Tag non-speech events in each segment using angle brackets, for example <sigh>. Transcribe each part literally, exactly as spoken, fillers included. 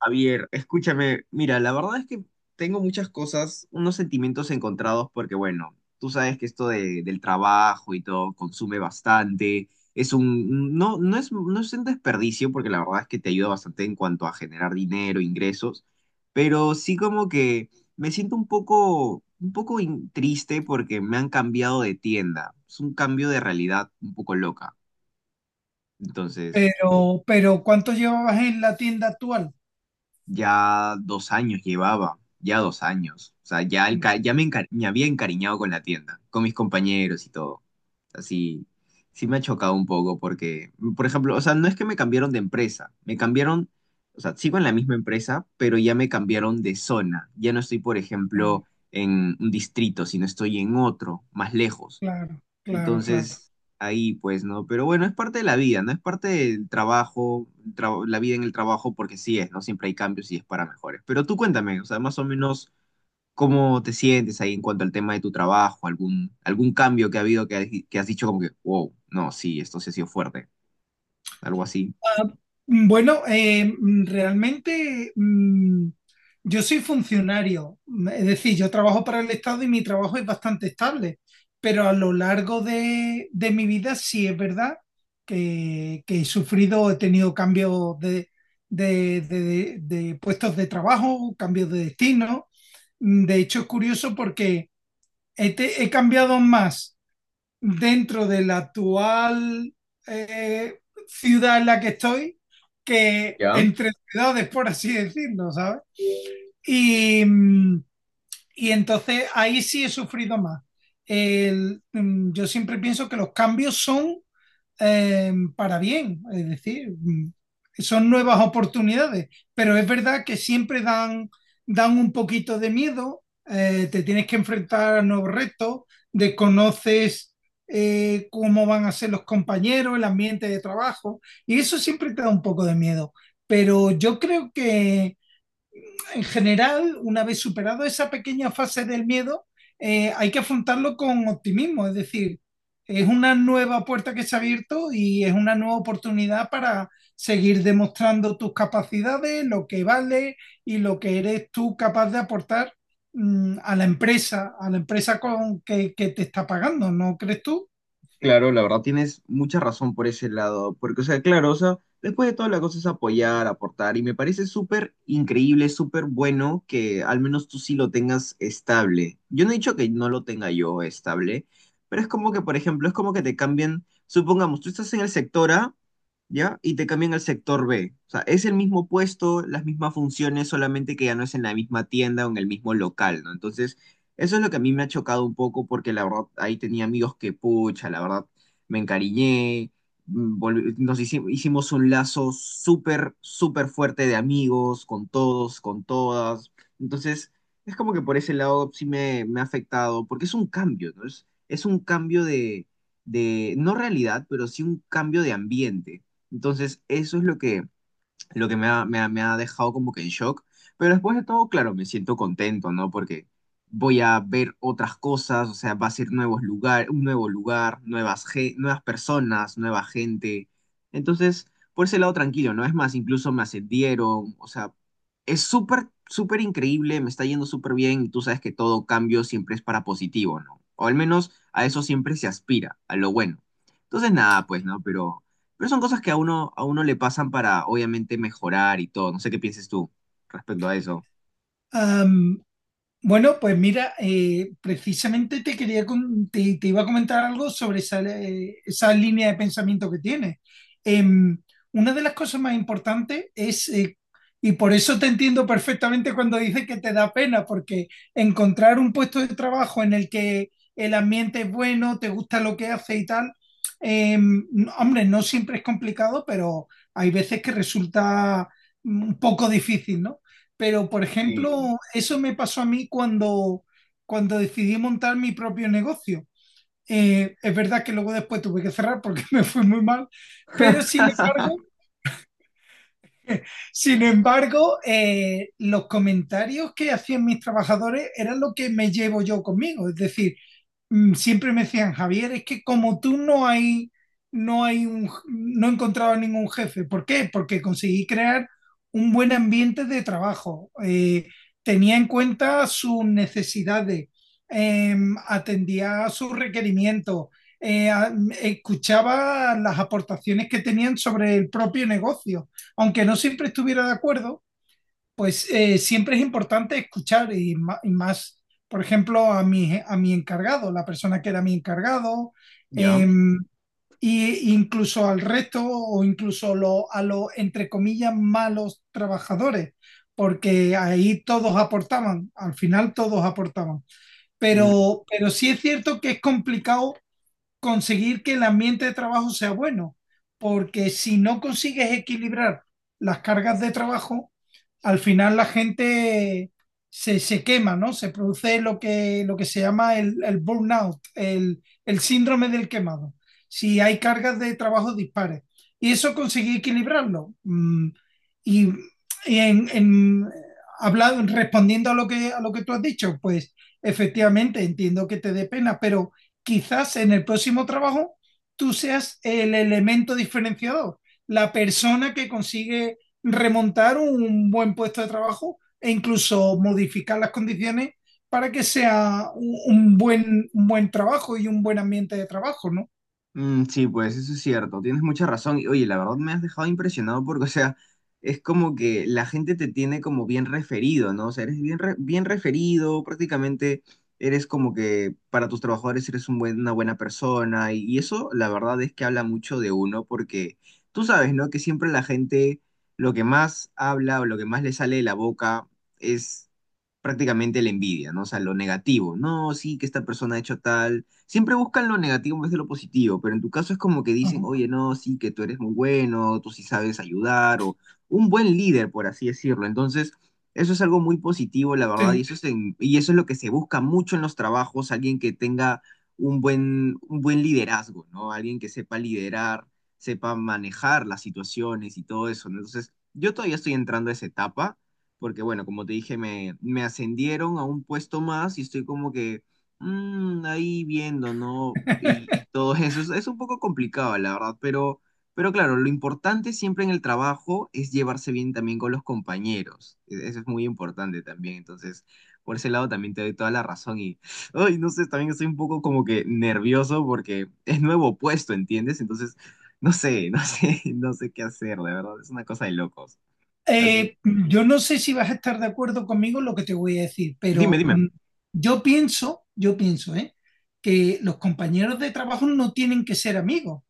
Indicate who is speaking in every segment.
Speaker 1: Javier, escúchame, mira, la verdad es que tengo muchas cosas, unos sentimientos encontrados, porque bueno, tú sabes que esto de- del trabajo y todo consume bastante, es un, no, no es, no es un desperdicio, porque la verdad es que te ayuda bastante en cuanto a generar dinero, ingresos, pero sí como que me siento un poco, un poco in- triste porque me han cambiado de tienda, es un cambio de realidad un poco loca, entonces...
Speaker 2: Pero, pero ¿cuánto llevabas en la tienda actual?
Speaker 1: Ya dos años llevaba, ya dos años. O sea, ya, el
Speaker 2: Mm.
Speaker 1: ca- ya me, encari- me había encariñado con la tienda, con mis compañeros y todo. Así, sí sí me ha chocado un poco porque, por ejemplo, o sea, no es que me cambiaron de empresa, me cambiaron, o sea, sigo en la misma empresa, pero ya me cambiaron de zona. Ya no estoy, por
Speaker 2: Eh,
Speaker 1: ejemplo, en un distrito, sino estoy en otro, más lejos.
Speaker 2: claro, claro, claro.
Speaker 1: Entonces, ahí pues, ¿no? Pero bueno, es parte de la vida, ¿no? Es parte del trabajo, tra- la vida en el trabajo, porque sí es, ¿no? Siempre hay cambios y es para mejores. Pero tú cuéntame, o sea, más o menos, ¿cómo te sientes ahí en cuanto al tema de tu trabajo? ¿Algún, algún cambio que ha habido que, has- que has dicho como que, wow, no, sí, esto sí ha sido fuerte, algo así?
Speaker 2: Ah, mm, bueno, eh, mm, realmente, mm, yo soy funcionario, mm, es decir, yo trabajo para el Estado y mi trabajo es bastante estable, pero a lo largo de, de mi vida sí es verdad que, que he sufrido, he tenido cambios de, de, de- de puestos de trabajo, cambios de destino. Mm. De hecho, es curioso porque he te- he cambiado más dentro de la actual eh, ciudad en la que estoy que
Speaker 1: Ya.
Speaker 2: entre ciudades, por así decirlo, ¿sabes? Y, y entonces ahí sí he sufrido más. El- mm, yo siempre pienso que los cambios son eh, para bien, es decir, mm, son nuevas oportunidades, pero es verdad que siempre dan, dan un poquito de miedo. Eh, te tienes que enfrentar a nuevos retos, desconoces eh, cómo van a ser los compañeros, el ambiente de trabajo, y eso siempre te da un poco de miedo, pero yo creo que en general, una vez superado esa pequeña fase del miedo, eh, hay que afrontarlo con optimismo, es decir, es una nueva puerta que se ha abierto y es una nueva oportunidad para seguir demostrando tus capacidades, lo que vale y lo que eres tú capaz de aportar mm, a la empresa, a la empresa con que, que te está pagando, ¿no crees tú?
Speaker 1: Claro, la verdad tienes mucha razón por ese lado, porque, o sea, claro, o sea, después de todo la cosa es apoyar, aportar, y me parece súper increíble, súper bueno que al menos tú sí lo tengas estable. Yo no he dicho que no lo tenga yo estable, pero es como que, por ejemplo, es como que te cambien, supongamos, tú estás en el sector A, ¿ya? Y te cambian al sector B. O sea, es el mismo puesto, las mismas funciones, solamente que ya no es en la misma tienda o en el mismo local, ¿no? Entonces... Eso es lo que a mí me ha chocado un poco porque la verdad ahí tenía amigos que pucha, la verdad me encariñé, mm, volvi- nos hici- hicimos un lazo súper, súper fuerte de amigos, con todos, con todas. Entonces, es como que por ese lado sí me, me ha afectado porque es un cambio, ¿no? Es, es un cambio de, de, no realidad, pero sí un cambio de ambiente. Entonces, eso es lo que lo que me ha, me ha- me ha dejado como que en shock. Pero después de todo, claro, me siento contento, ¿no? Porque voy a ver otras cosas, o sea, va a ser nuevos lugar, un nuevo lugar, nuevas, ge- nuevas personas, nueva gente. Entonces, por ese lado tranquilo, ¿no? Es más, incluso me ascendieron, o sea, es súper, súper increíble, me está yendo súper bien y tú sabes que todo cambio siempre es para positivo, ¿no? O al menos a eso siempre se aspira, a lo bueno. Entonces, nada, pues, ¿no? Pero... Pero son cosas que a uno, a uno le pasan para, obviamente, mejorar y todo. No sé qué pienses tú respecto a eso.
Speaker 2: Um, Bueno, pues mira, eh, precisamente te quería con- te, te iba a comentar algo sobre esa, eh, esa línea de pensamiento que tienes. Em, una de las cosas más importantes es, eh, y por eso te entiendo perfectamente cuando dices que te da pena, porque encontrar un puesto de trabajo en el que el ambiente es bueno, te gusta lo que hace y tal, em, no, hombre, no siempre es complicado, pero hay veces que resulta mm, un poco difícil, ¿no? Pero, por
Speaker 1: Sí.
Speaker 2: ejemplo, eso me pasó a mí cuando, cuando decidí montar mi propio negocio. Eh, es verdad que luego después tuve que cerrar porque <laughs> me fue muy mal, pero sin
Speaker 1: <laughs>
Speaker 2: embargo, sin embargo, eh, los comentarios que hacían mis trabajadores eran lo que me llevo yo conmigo. Es decir, mm, siempre me decían: "Javier, es que como tú no hay, no hay un, no he encontrado ningún jefe". ¿Por qué? Porque conseguí crear un buen ambiente de trabajo. Eh, tenía en cuenta sus necesidades, eh, atendía a sus requerimientos, eh, a- escuchaba las aportaciones que tenían sobre el propio negocio, aunque no siempre estuviera de acuerdo, pues eh, siempre es importante escuchar y, ma- y más, por ejemplo, a mi, a mi encargado, la persona que era mi encargado,
Speaker 1: ¿Ya?
Speaker 2: em, y incluso al resto, o incluso lo- a los, entre comillas, malos trabajadores, porque ahí todos aportaban, al final todos aportaban. Pero, pero sí es cierto que es complicado conseguir que el ambiente de trabajo sea bueno, porque si no consigues equilibrar las cargas de trabajo, al final la gente se, se quema, ¿no? Se produce lo que, lo que se llama el, el burnout, el, el síndrome del quemado, si hay cargas de trabajo dispares. Y eso conseguí equilibrarlo. Mm. Y, y en, en- Hablado, respondiendo a lo que, a lo que tú has dicho, pues efectivamente entiendo que te dé pena, pero quizás en el próximo trabajo tú seas el elemento diferenciador, la persona que consigue remontar un buen puesto de trabajo e incluso modificar las condiciones para que sea un, un buen, un buen trabajo y un buen ambiente de trabajo, ¿no?
Speaker 1: Mm, sí, pues eso es cierto, tienes mucha razón. Y oye, la verdad me has dejado impresionado porque, o sea, es como que la gente te tiene como bien referido, ¿no? O sea, eres bien, re- bien referido, prácticamente eres como que para tus trabajadores eres un buen- una buena persona. Y, y eso, la verdad es que habla mucho de uno porque tú sabes, ¿no? Que siempre la gente lo que más habla o lo que más le sale de la boca es prácticamente la envidia, ¿no? O sea, lo negativo. No, sí, que esta persona ha hecho tal siempre buscan lo negativo en vez de lo positivo, pero en tu caso es como que dicen,
Speaker 2: Ajá,
Speaker 1: oye, no, sí, que tú eres muy bueno, tú sí sabes ayudar, o un buen líder, por así decirlo. Entonces, eso es algo muy positivo, la verdad, y
Speaker 2: sí.
Speaker 1: eso es, en- y eso es lo que se busca mucho en los trabajos, alguien que tenga un buen, un buen liderazgo, ¿no? Alguien que sepa liderar, sepa manejar las situaciones y todo eso, ¿no? Entonces, yo todavía estoy entrando a esa etapa, porque bueno, como te dije, me, me ascendieron a un puesto más y estoy como que mm, ahí viendo, ¿no? Y, y
Speaker 2: <laughs>
Speaker 1: todo eso. Es, es un poco complicado, la verdad, pero, pero claro, lo importante siempre en el trabajo es llevarse bien también con los compañeros. E- Eso es muy importante también. Entonces, por ese lado también te doy toda la razón y, ay, no sé, también estoy un poco como que nervioso porque es nuevo puesto, ¿entiendes? Entonces, no sé, no sé, <laughs> no sé qué hacer, de verdad, es una cosa de locos. Así,
Speaker 2: Eh, yo no sé si vas a estar de acuerdo conmigo en lo que te voy a decir,
Speaker 1: dime,
Speaker 2: pero
Speaker 1: dime.
Speaker 2: mm, yo pienso, yo pienso, ¿eh? Que los compañeros de trabajo no tienen que ser amigos.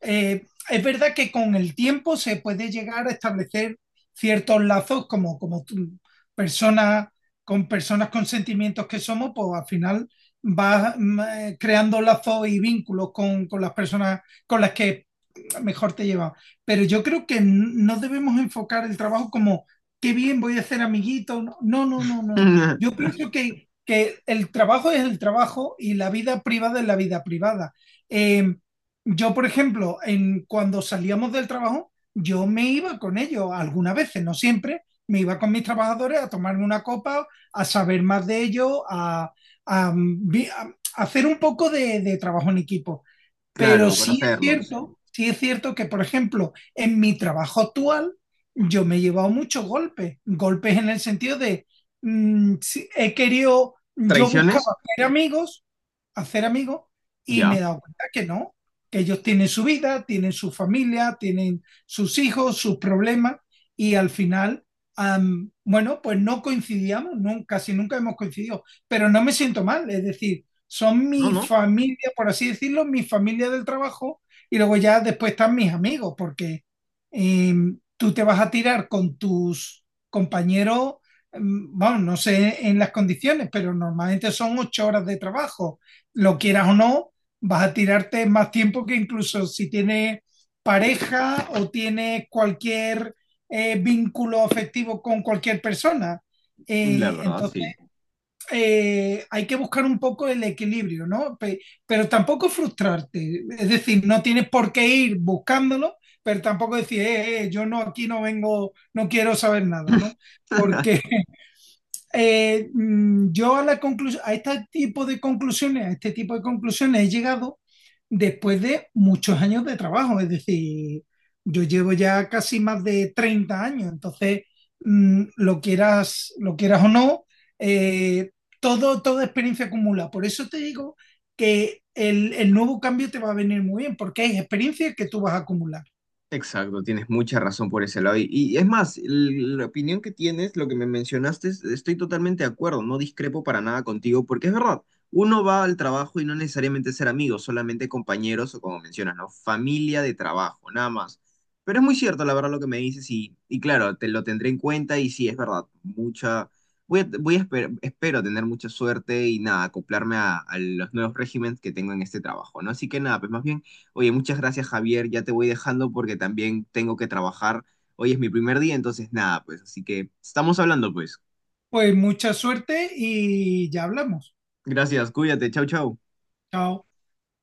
Speaker 2: Eh, es verdad que con el tiempo se puede llegar a establecer ciertos lazos como, como tú- personas con personas con sentimientos que somos, pues al final vas mm, eh, creando lazos y vínculos con, con las personas con las que mejor te llevas. Pero yo creo que n- no debemos enfocar el trabajo como qué bien voy a hacer amiguito. No, no, no, no, no. Yo
Speaker 1: <laughs>
Speaker 2: pienso que, que el trabajo es el trabajo y la vida privada es la vida privada. Eh, yo, por ejemplo, en, cuando salíamos del trabajo, yo me iba con ellos, algunas veces, no siempre, me iba con mis trabajadores a tomarme una copa, a saber más de ellos, a, a mm, vi- a hacer un poco de, de trabajo en equipo. Pero
Speaker 1: Claro,
Speaker 2: sí es
Speaker 1: conocerlos.
Speaker 2: cierto, sí es cierto que, por ejemplo, en mi trabajo actual, yo me he llevado muchos golpes, golpes en el sentido de, mm, sí, he querido, yo buscaba
Speaker 1: ¿Traiciones?
Speaker 2: hacer amigos hacer amigos, y me he
Speaker 1: Ya.
Speaker 2: dado cuenta que no, que ellos tienen su vida, tienen su familia, tienen sus hijos, sus problemas, y al final, am, bueno, pues no coincidíamos, nunca, casi nunca hemos coincidido, pero no me siento mal, es decir, son
Speaker 1: No,
Speaker 2: mi
Speaker 1: no.
Speaker 2: familia, por así decirlo, mi familia del trabajo, y luego ya después están mis amigos, porque em, tú te vas a tirar con tus compañeros, em, bueno, no sé en las condiciones, pero normalmente son ocho horas de trabajo, lo quieras o no, vas a tirarte más tiempo que incluso si tienes pareja o tienes cualquier eh, vínculo afectivo con cualquier persona.
Speaker 1: La
Speaker 2: Eh,
Speaker 1: verdad,
Speaker 2: entonces,
Speaker 1: sí.
Speaker 2: eh, hay que buscar un poco el equilibrio, ¿no? Pe- pero tampoco frustrarte, es decir, no tienes por qué ir buscándolo, pero tampoco decir: eh, eh, yo no, aquí no vengo, no quiero saber nada", ¿no? Porque
Speaker 1: <laughs>
Speaker 2: eh, mm, yo a, la conclusión, a este tipo de conclusiones, a este tipo de conclusiones he llegado después de muchos años de trabajo, es decir, yo llevo ya casi más de treinta años. Entonces, mmm, lo, quieras, lo quieras o no, eh, todo, toda experiencia acumula. Por eso te digo que el, el, nuevo cambio te va a venir muy bien, porque hay experiencias que tú vas a acumular.
Speaker 1: Exacto, tienes mucha razón por ese lado. Y, y es más, el- la opinión que tienes, lo que me mencionaste, es- estoy totalmente de acuerdo, no discrepo para nada contigo, porque es verdad, uno va al trabajo y no necesariamente ser amigos, solamente compañeros o como mencionas, ¿no? Familia de trabajo, nada más. Pero es muy cierto, la verdad, lo que me dices y, y claro, te lo tendré en cuenta y sí, es verdad, mucha, voy a, voy a esper- espero tener mucha suerte y nada, acoplarme a, a los nuevos regímenes que tengo en este trabajo, ¿no? Así que nada, pues más bien... Oye, muchas gracias, Javier. Ya te voy dejando porque también tengo que trabajar. Hoy es mi primer día, entonces nada, pues. Así que estamos hablando, pues.
Speaker 2: Pues mucha suerte y ya hablamos.
Speaker 1: Gracias, cuídate. Chau, chau.
Speaker 2: Chao.